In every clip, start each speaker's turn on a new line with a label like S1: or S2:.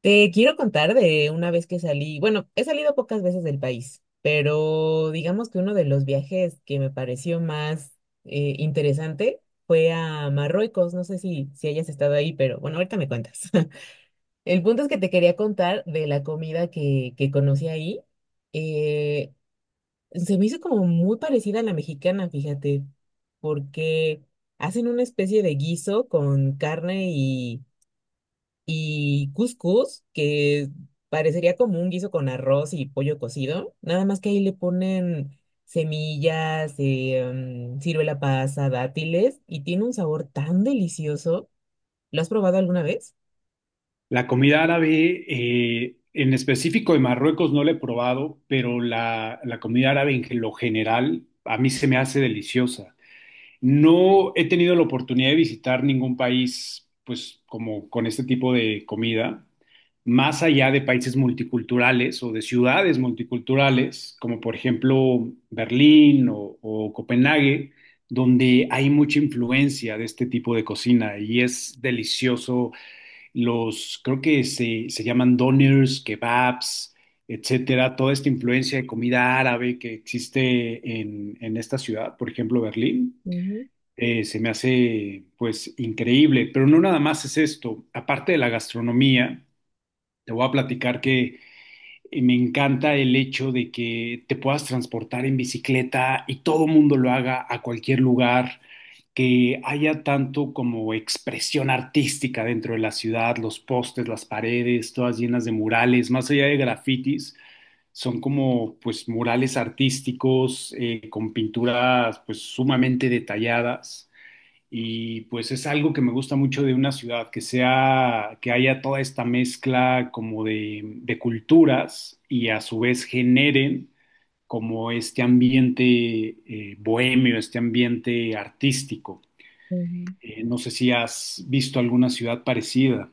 S1: Te quiero contar de una vez que salí, bueno, he salido pocas veces del país, pero digamos que uno de los viajes que me pareció más interesante fue a Marruecos, no sé si hayas estado ahí, pero bueno, ahorita me cuentas. El punto es que te quería contar de la comida que conocí ahí. Eh, Se me hizo como muy parecida a la mexicana, fíjate, porque hacen una especie de guiso con carne y couscous, que parecería como un guiso con arroz y pollo cocido, nada más que ahí le ponen semillas, ciruela pasa, dátiles, y tiene un sabor tan delicioso. ¿Lo has probado alguna vez?
S2: La comida árabe, en específico de Marruecos, no la he probado, pero la comida árabe en lo general a mí se me hace deliciosa. No he tenido la oportunidad de visitar ningún país, pues, como con este tipo de comida, más allá de países multiculturales o de ciudades multiculturales, como por ejemplo Berlín o Copenhague, donde hay mucha influencia de este tipo de cocina y es delicioso los, creo que se llaman doners, kebabs, etcétera, toda esta influencia de comida árabe que existe en esta ciudad, por ejemplo, Berlín,
S1: Ujú,
S2: se me hace pues increíble, pero no nada más es esto. Aparte de la gastronomía, te voy a platicar que me encanta el hecho de que te puedas transportar en bicicleta y todo mundo lo haga a cualquier lugar, que haya tanto como expresión artística dentro de la ciudad, los postes, las paredes, todas llenas de murales, más allá de grafitis, son como pues murales artísticos con pinturas pues sumamente detalladas. Y pues es algo que me gusta mucho de una ciudad, que sea, que haya toda esta mezcla como de culturas y a su vez generen como este ambiente bohemio, este ambiente artístico.
S1: ujú.
S2: No sé si has visto alguna ciudad parecida.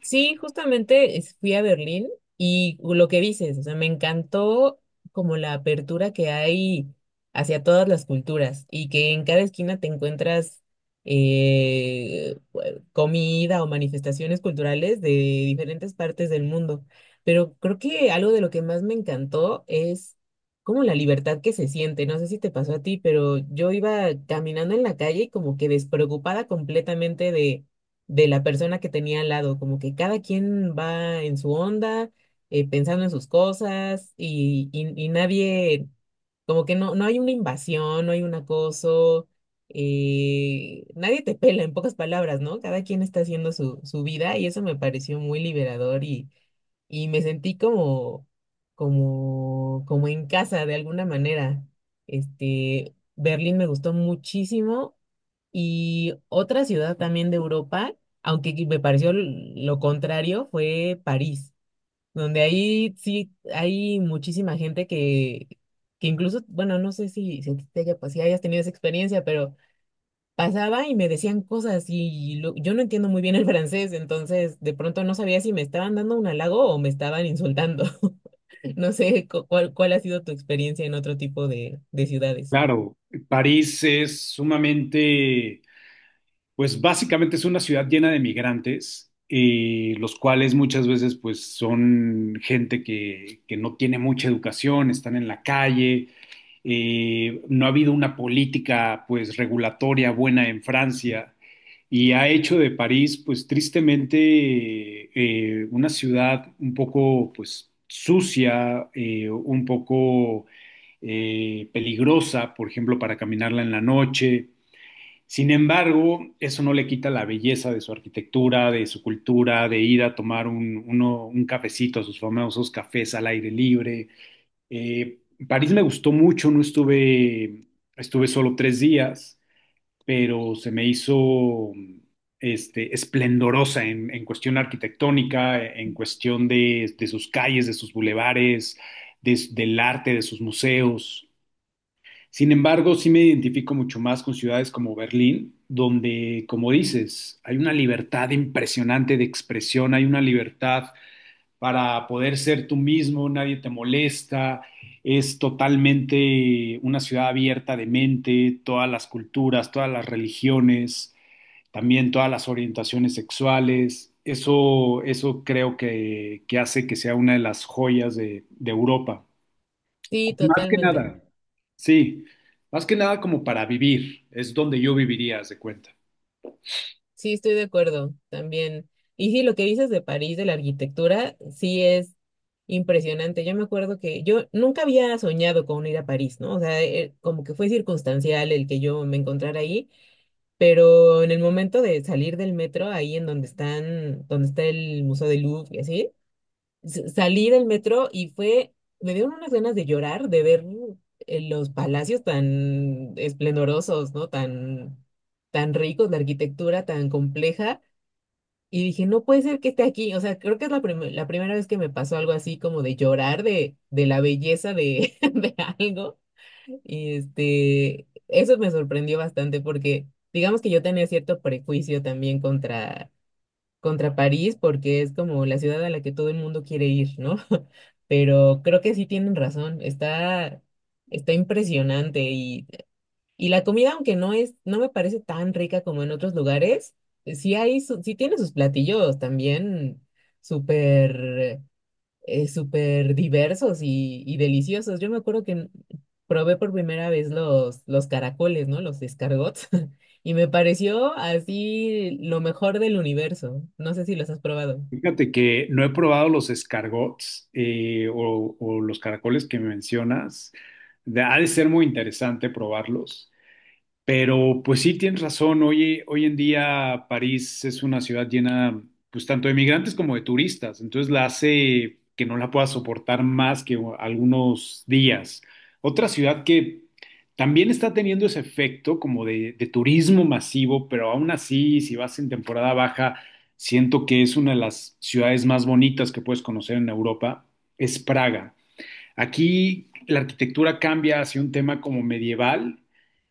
S1: Sí, justamente fui a Berlín y lo que dices, o sea, me encantó como la apertura que hay hacia todas las culturas y que en cada esquina te encuentras eh, comida o manifestaciones culturales de diferentes partes del mundo. Pero creo que algo de lo que más me encantó es como la libertad que se siente. No sé si te pasó a ti, pero yo iba caminando en la calle y como que despreocupada completamente de la persona que tenía al lado, como que cada quien va en su onda, pensando en sus cosas y nadie, como que no, no hay una invasión, no hay un acoso, nadie te pela, en pocas palabras, ¿no? Cada quien está haciendo su vida y eso me pareció muy liberador y me sentí como en casa de alguna manera. Este, Berlín me gustó muchísimo y otra ciudad también de Europa, aunque que me pareció lo contrario, fue París, donde ahí sí hay muchísima gente que incluso, bueno, no sé si a ti te haya, si hayas tenido esa experiencia, pero pasaba y me decían cosas y yo no entiendo muy bien el francés, entonces de pronto no sabía si me estaban dando un halago o me estaban insultando. No sé cuál ha sido tu experiencia en otro tipo de ciudades.
S2: Claro, París es sumamente. Pues básicamente es una ciudad llena de migrantes, los cuales muchas veces pues son gente que no tiene mucha educación, están en la calle, no ha habido una política pues regulatoria buena en Francia y ha hecho de París pues tristemente una ciudad un poco pues sucia, un poco peligrosa, por ejemplo, para caminarla en la noche. Sin embargo, eso no le quita la belleza de su arquitectura, de su cultura, de ir a tomar un cafecito, sus famosos cafés al aire libre. Eh, París me gustó mucho, no estuve, estuve solo 3 días, pero se me hizo este, esplendorosa en cuestión arquitectónica, en cuestión de sus calles, de sus bulevares, del arte, de sus museos. Sin embargo, sí me identifico mucho más con ciudades como Berlín, donde, como dices, hay una libertad impresionante de expresión, hay una libertad para poder ser tú mismo, nadie te molesta, es totalmente una ciudad abierta de mente, todas las culturas, todas las religiones, también todas las orientaciones sexuales. Eso creo que hace que sea una de las joyas de Europa.
S1: Sí,
S2: Más que
S1: totalmente.
S2: nada, sí, más que nada como para vivir, es donde yo viviría, haz de cuenta.
S1: Sí, estoy de acuerdo también. Y sí, lo que dices de París, de la arquitectura, sí es impresionante. Yo me acuerdo que yo nunca había soñado con ir a París, ¿no? O sea, como que fue circunstancial el que yo me encontrara ahí, pero en el momento de salir del metro, ahí en donde están, donde está el Museo del Louvre y así, salí del metro y fue, me dieron unas ganas de llorar, de ver los palacios tan esplendorosos, ¿no? Tan ricos, la arquitectura tan compleja. Y dije, no puede ser que esté aquí. O sea, creo que es la primera vez que me pasó algo así como de llorar de la belleza de, de algo. Y este, eso me sorprendió bastante porque digamos que yo tenía cierto prejuicio también contra París porque es como la ciudad a la que todo el mundo quiere ir, ¿no? Pero creo que sí tienen razón. Está impresionante y la comida, aunque no es, no me parece tan rica como en otros lugares, sí hay, sí tiene sus platillos también súper, súper diversos y deliciosos. Yo me acuerdo que probé por primera vez los caracoles, ¿no? Los escargots. Y me pareció así lo mejor del universo. No sé si los has probado.
S2: Fíjate que no he probado los escargots o los caracoles que me mencionas. De- ha de ser muy interesante probarlos. Pero pues sí, tienes razón. Hoy, hoy en día París es una ciudad llena, pues tanto de migrantes como de turistas. Entonces la hace que no la pueda soportar más que algunos días. Otra ciudad que también está teniendo ese efecto como de turismo masivo, pero aún así, si vas en temporada baja, siento que es una de las ciudades más bonitas que puedes conocer en Europa, es Praga. Aquí la arquitectura cambia hacia un tema como medieval,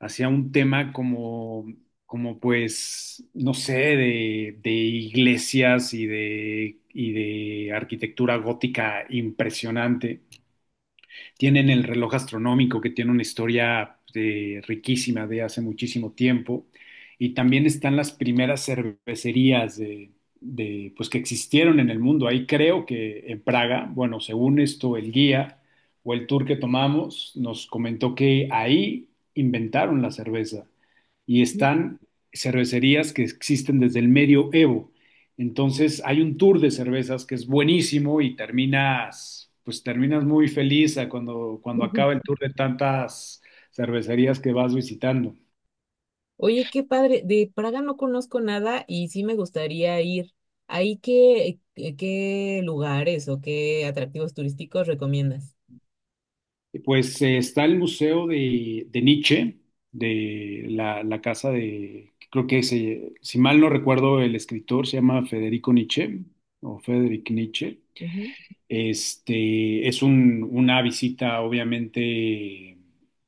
S2: hacia un tema como, como pues, no sé, de iglesias y de arquitectura gótica impresionante. Tienen el reloj astronómico que tiene una historia riquísima de hace muchísimo tiempo. Y también están las primeras cervecerías pues, que existieron en el mundo. Ahí creo que en Praga, bueno, según esto, el guía o el tour que tomamos nos comentó que ahí inventaron la cerveza y están cervecerías que existen desde el medioevo. Entonces hay un tour de cervezas que es buenísimo y terminas, pues terminas muy feliz a cuando, cuando acaba el tour de tantas cervecerías que vas visitando.
S1: Oye, qué padre. De Praga no conozco nada y sí me gustaría ir. ¿Ahí qué lugares o qué atractivos turísticos recomiendas?
S2: Pues está el Museo de Nietzsche, de la, la casa de, creo que si mal no recuerdo, el escritor se llama Federico Nietzsche o Federic Nietzsche.
S1: Ujú.
S2: Este, es una visita obviamente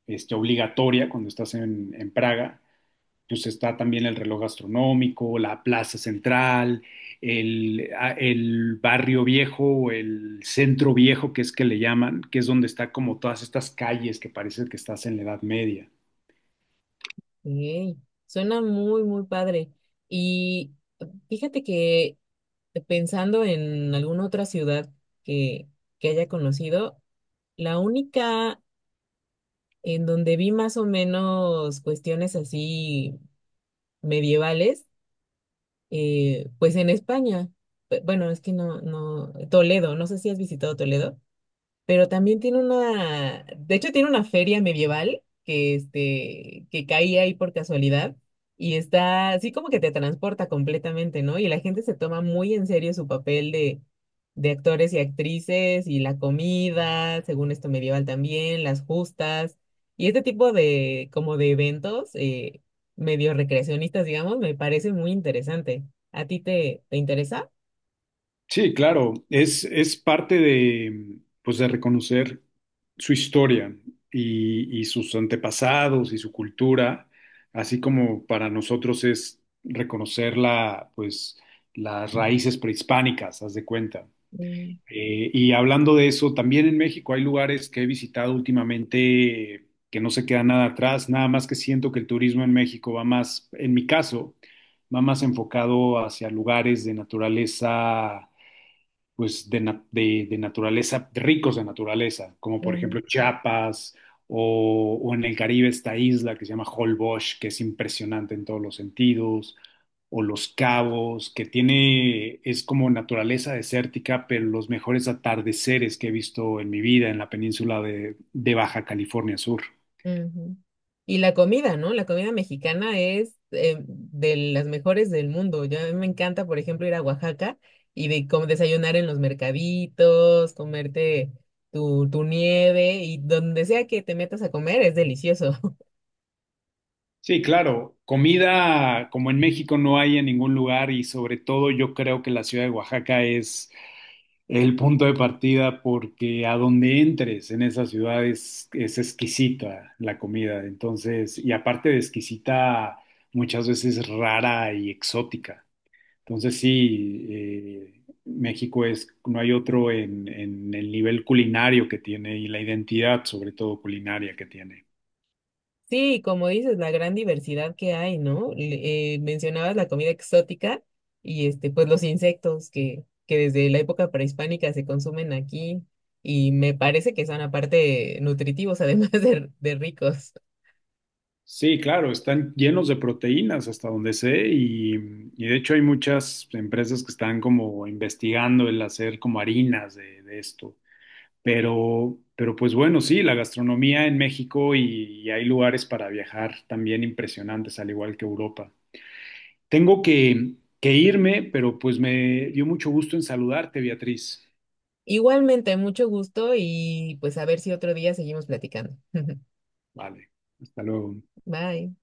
S2: este, obligatoria cuando estás en Praga. Pues está también el reloj astronómico, la plaza central, el, el barrio viejo o el centro viejo, que es que le llaman, que es donde está como todas estas calles que parece que estás en la Edad Media.
S1: Ok, suena muy padre. Y fíjate que pensando en alguna otra ciudad que, que haya conocido, la única en donde vi más o menos cuestiones así medievales pues en España. Bueno, es que Toledo, no sé si has visitado Toledo pero también tiene una, de hecho tiene una feria medieval que, este, que caía ahí por casualidad y está así como que te transporta completamente, ¿no? Y la gente se toma muy en serio su papel de actores y actrices y la comida, según esto medieval también, las justas y este tipo de, como de eventos medio recreacionistas, digamos, me parece muy interesante. ¿A ti te interesa?
S2: Sí, claro, es parte de, pues, de reconocer su historia y sus antepasados y su cultura, así como para nosotros es reconocer la, pues, las raíces prehispánicas, haz de cuenta.
S1: Mm,
S2: Y hablando de eso, también en México hay lugares que he visitado últimamente que no se queda nada atrás, nada más que siento que el turismo en México va más, en mi caso, va más enfocado hacia lugares de naturaleza pues de naturaleza, ricos de naturaleza, como por
S1: ujú.
S2: ejemplo Chiapas o en el Caribe esta isla que se llama Holbox, que es impresionante en todos los sentidos, o Los Cabos, que tiene, es como naturaleza desértica, pero los mejores atardeceres que he visto en mi vida en la península de Baja California Sur.
S1: Ujú. Y la comida, ¿no? La comida mexicana es de las mejores del mundo. Yo, a mí me encanta, por ejemplo, ir a Oaxaca y como desayunar en los mercaditos, comerte tu nieve y donde sea que te metas a comer es delicioso.
S2: Sí, claro, comida como en México no hay en ningún lugar y sobre todo yo creo que la ciudad de Oaxaca es. Es el punto de partida porque a donde entres en esa ciudad es exquisita la comida. Entonces, y aparte de exquisita, muchas veces rara y exótica. Entonces, sí, México es, no hay otro en el nivel culinario que tiene y la identidad, sobre todo culinaria, que tiene.
S1: Sí, como dices, la gran diversidad que hay, ¿no? Mencionabas la comida exótica y este, pues los insectos que desde la época prehispánica se consumen aquí y me parece que son aparte nutritivos, además de ricos.
S2: Sí, claro, están llenos de proteínas hasta donde sé y de hecho hay muchas empresas que están como investigando el hacer como harinas de esto. Pero pues bueno, sí, la gastronomía en México y hay lugares para viajar también impresionantes, al igual que Europa. Tengo que irme, pero pues me dio mucho gusto en saludarte, Beatriz.
S1: Igualmente, mucho gusto y pues a ver si otro día seguimos platicando.
S2: Vale, hasta luego.
S1: Bye.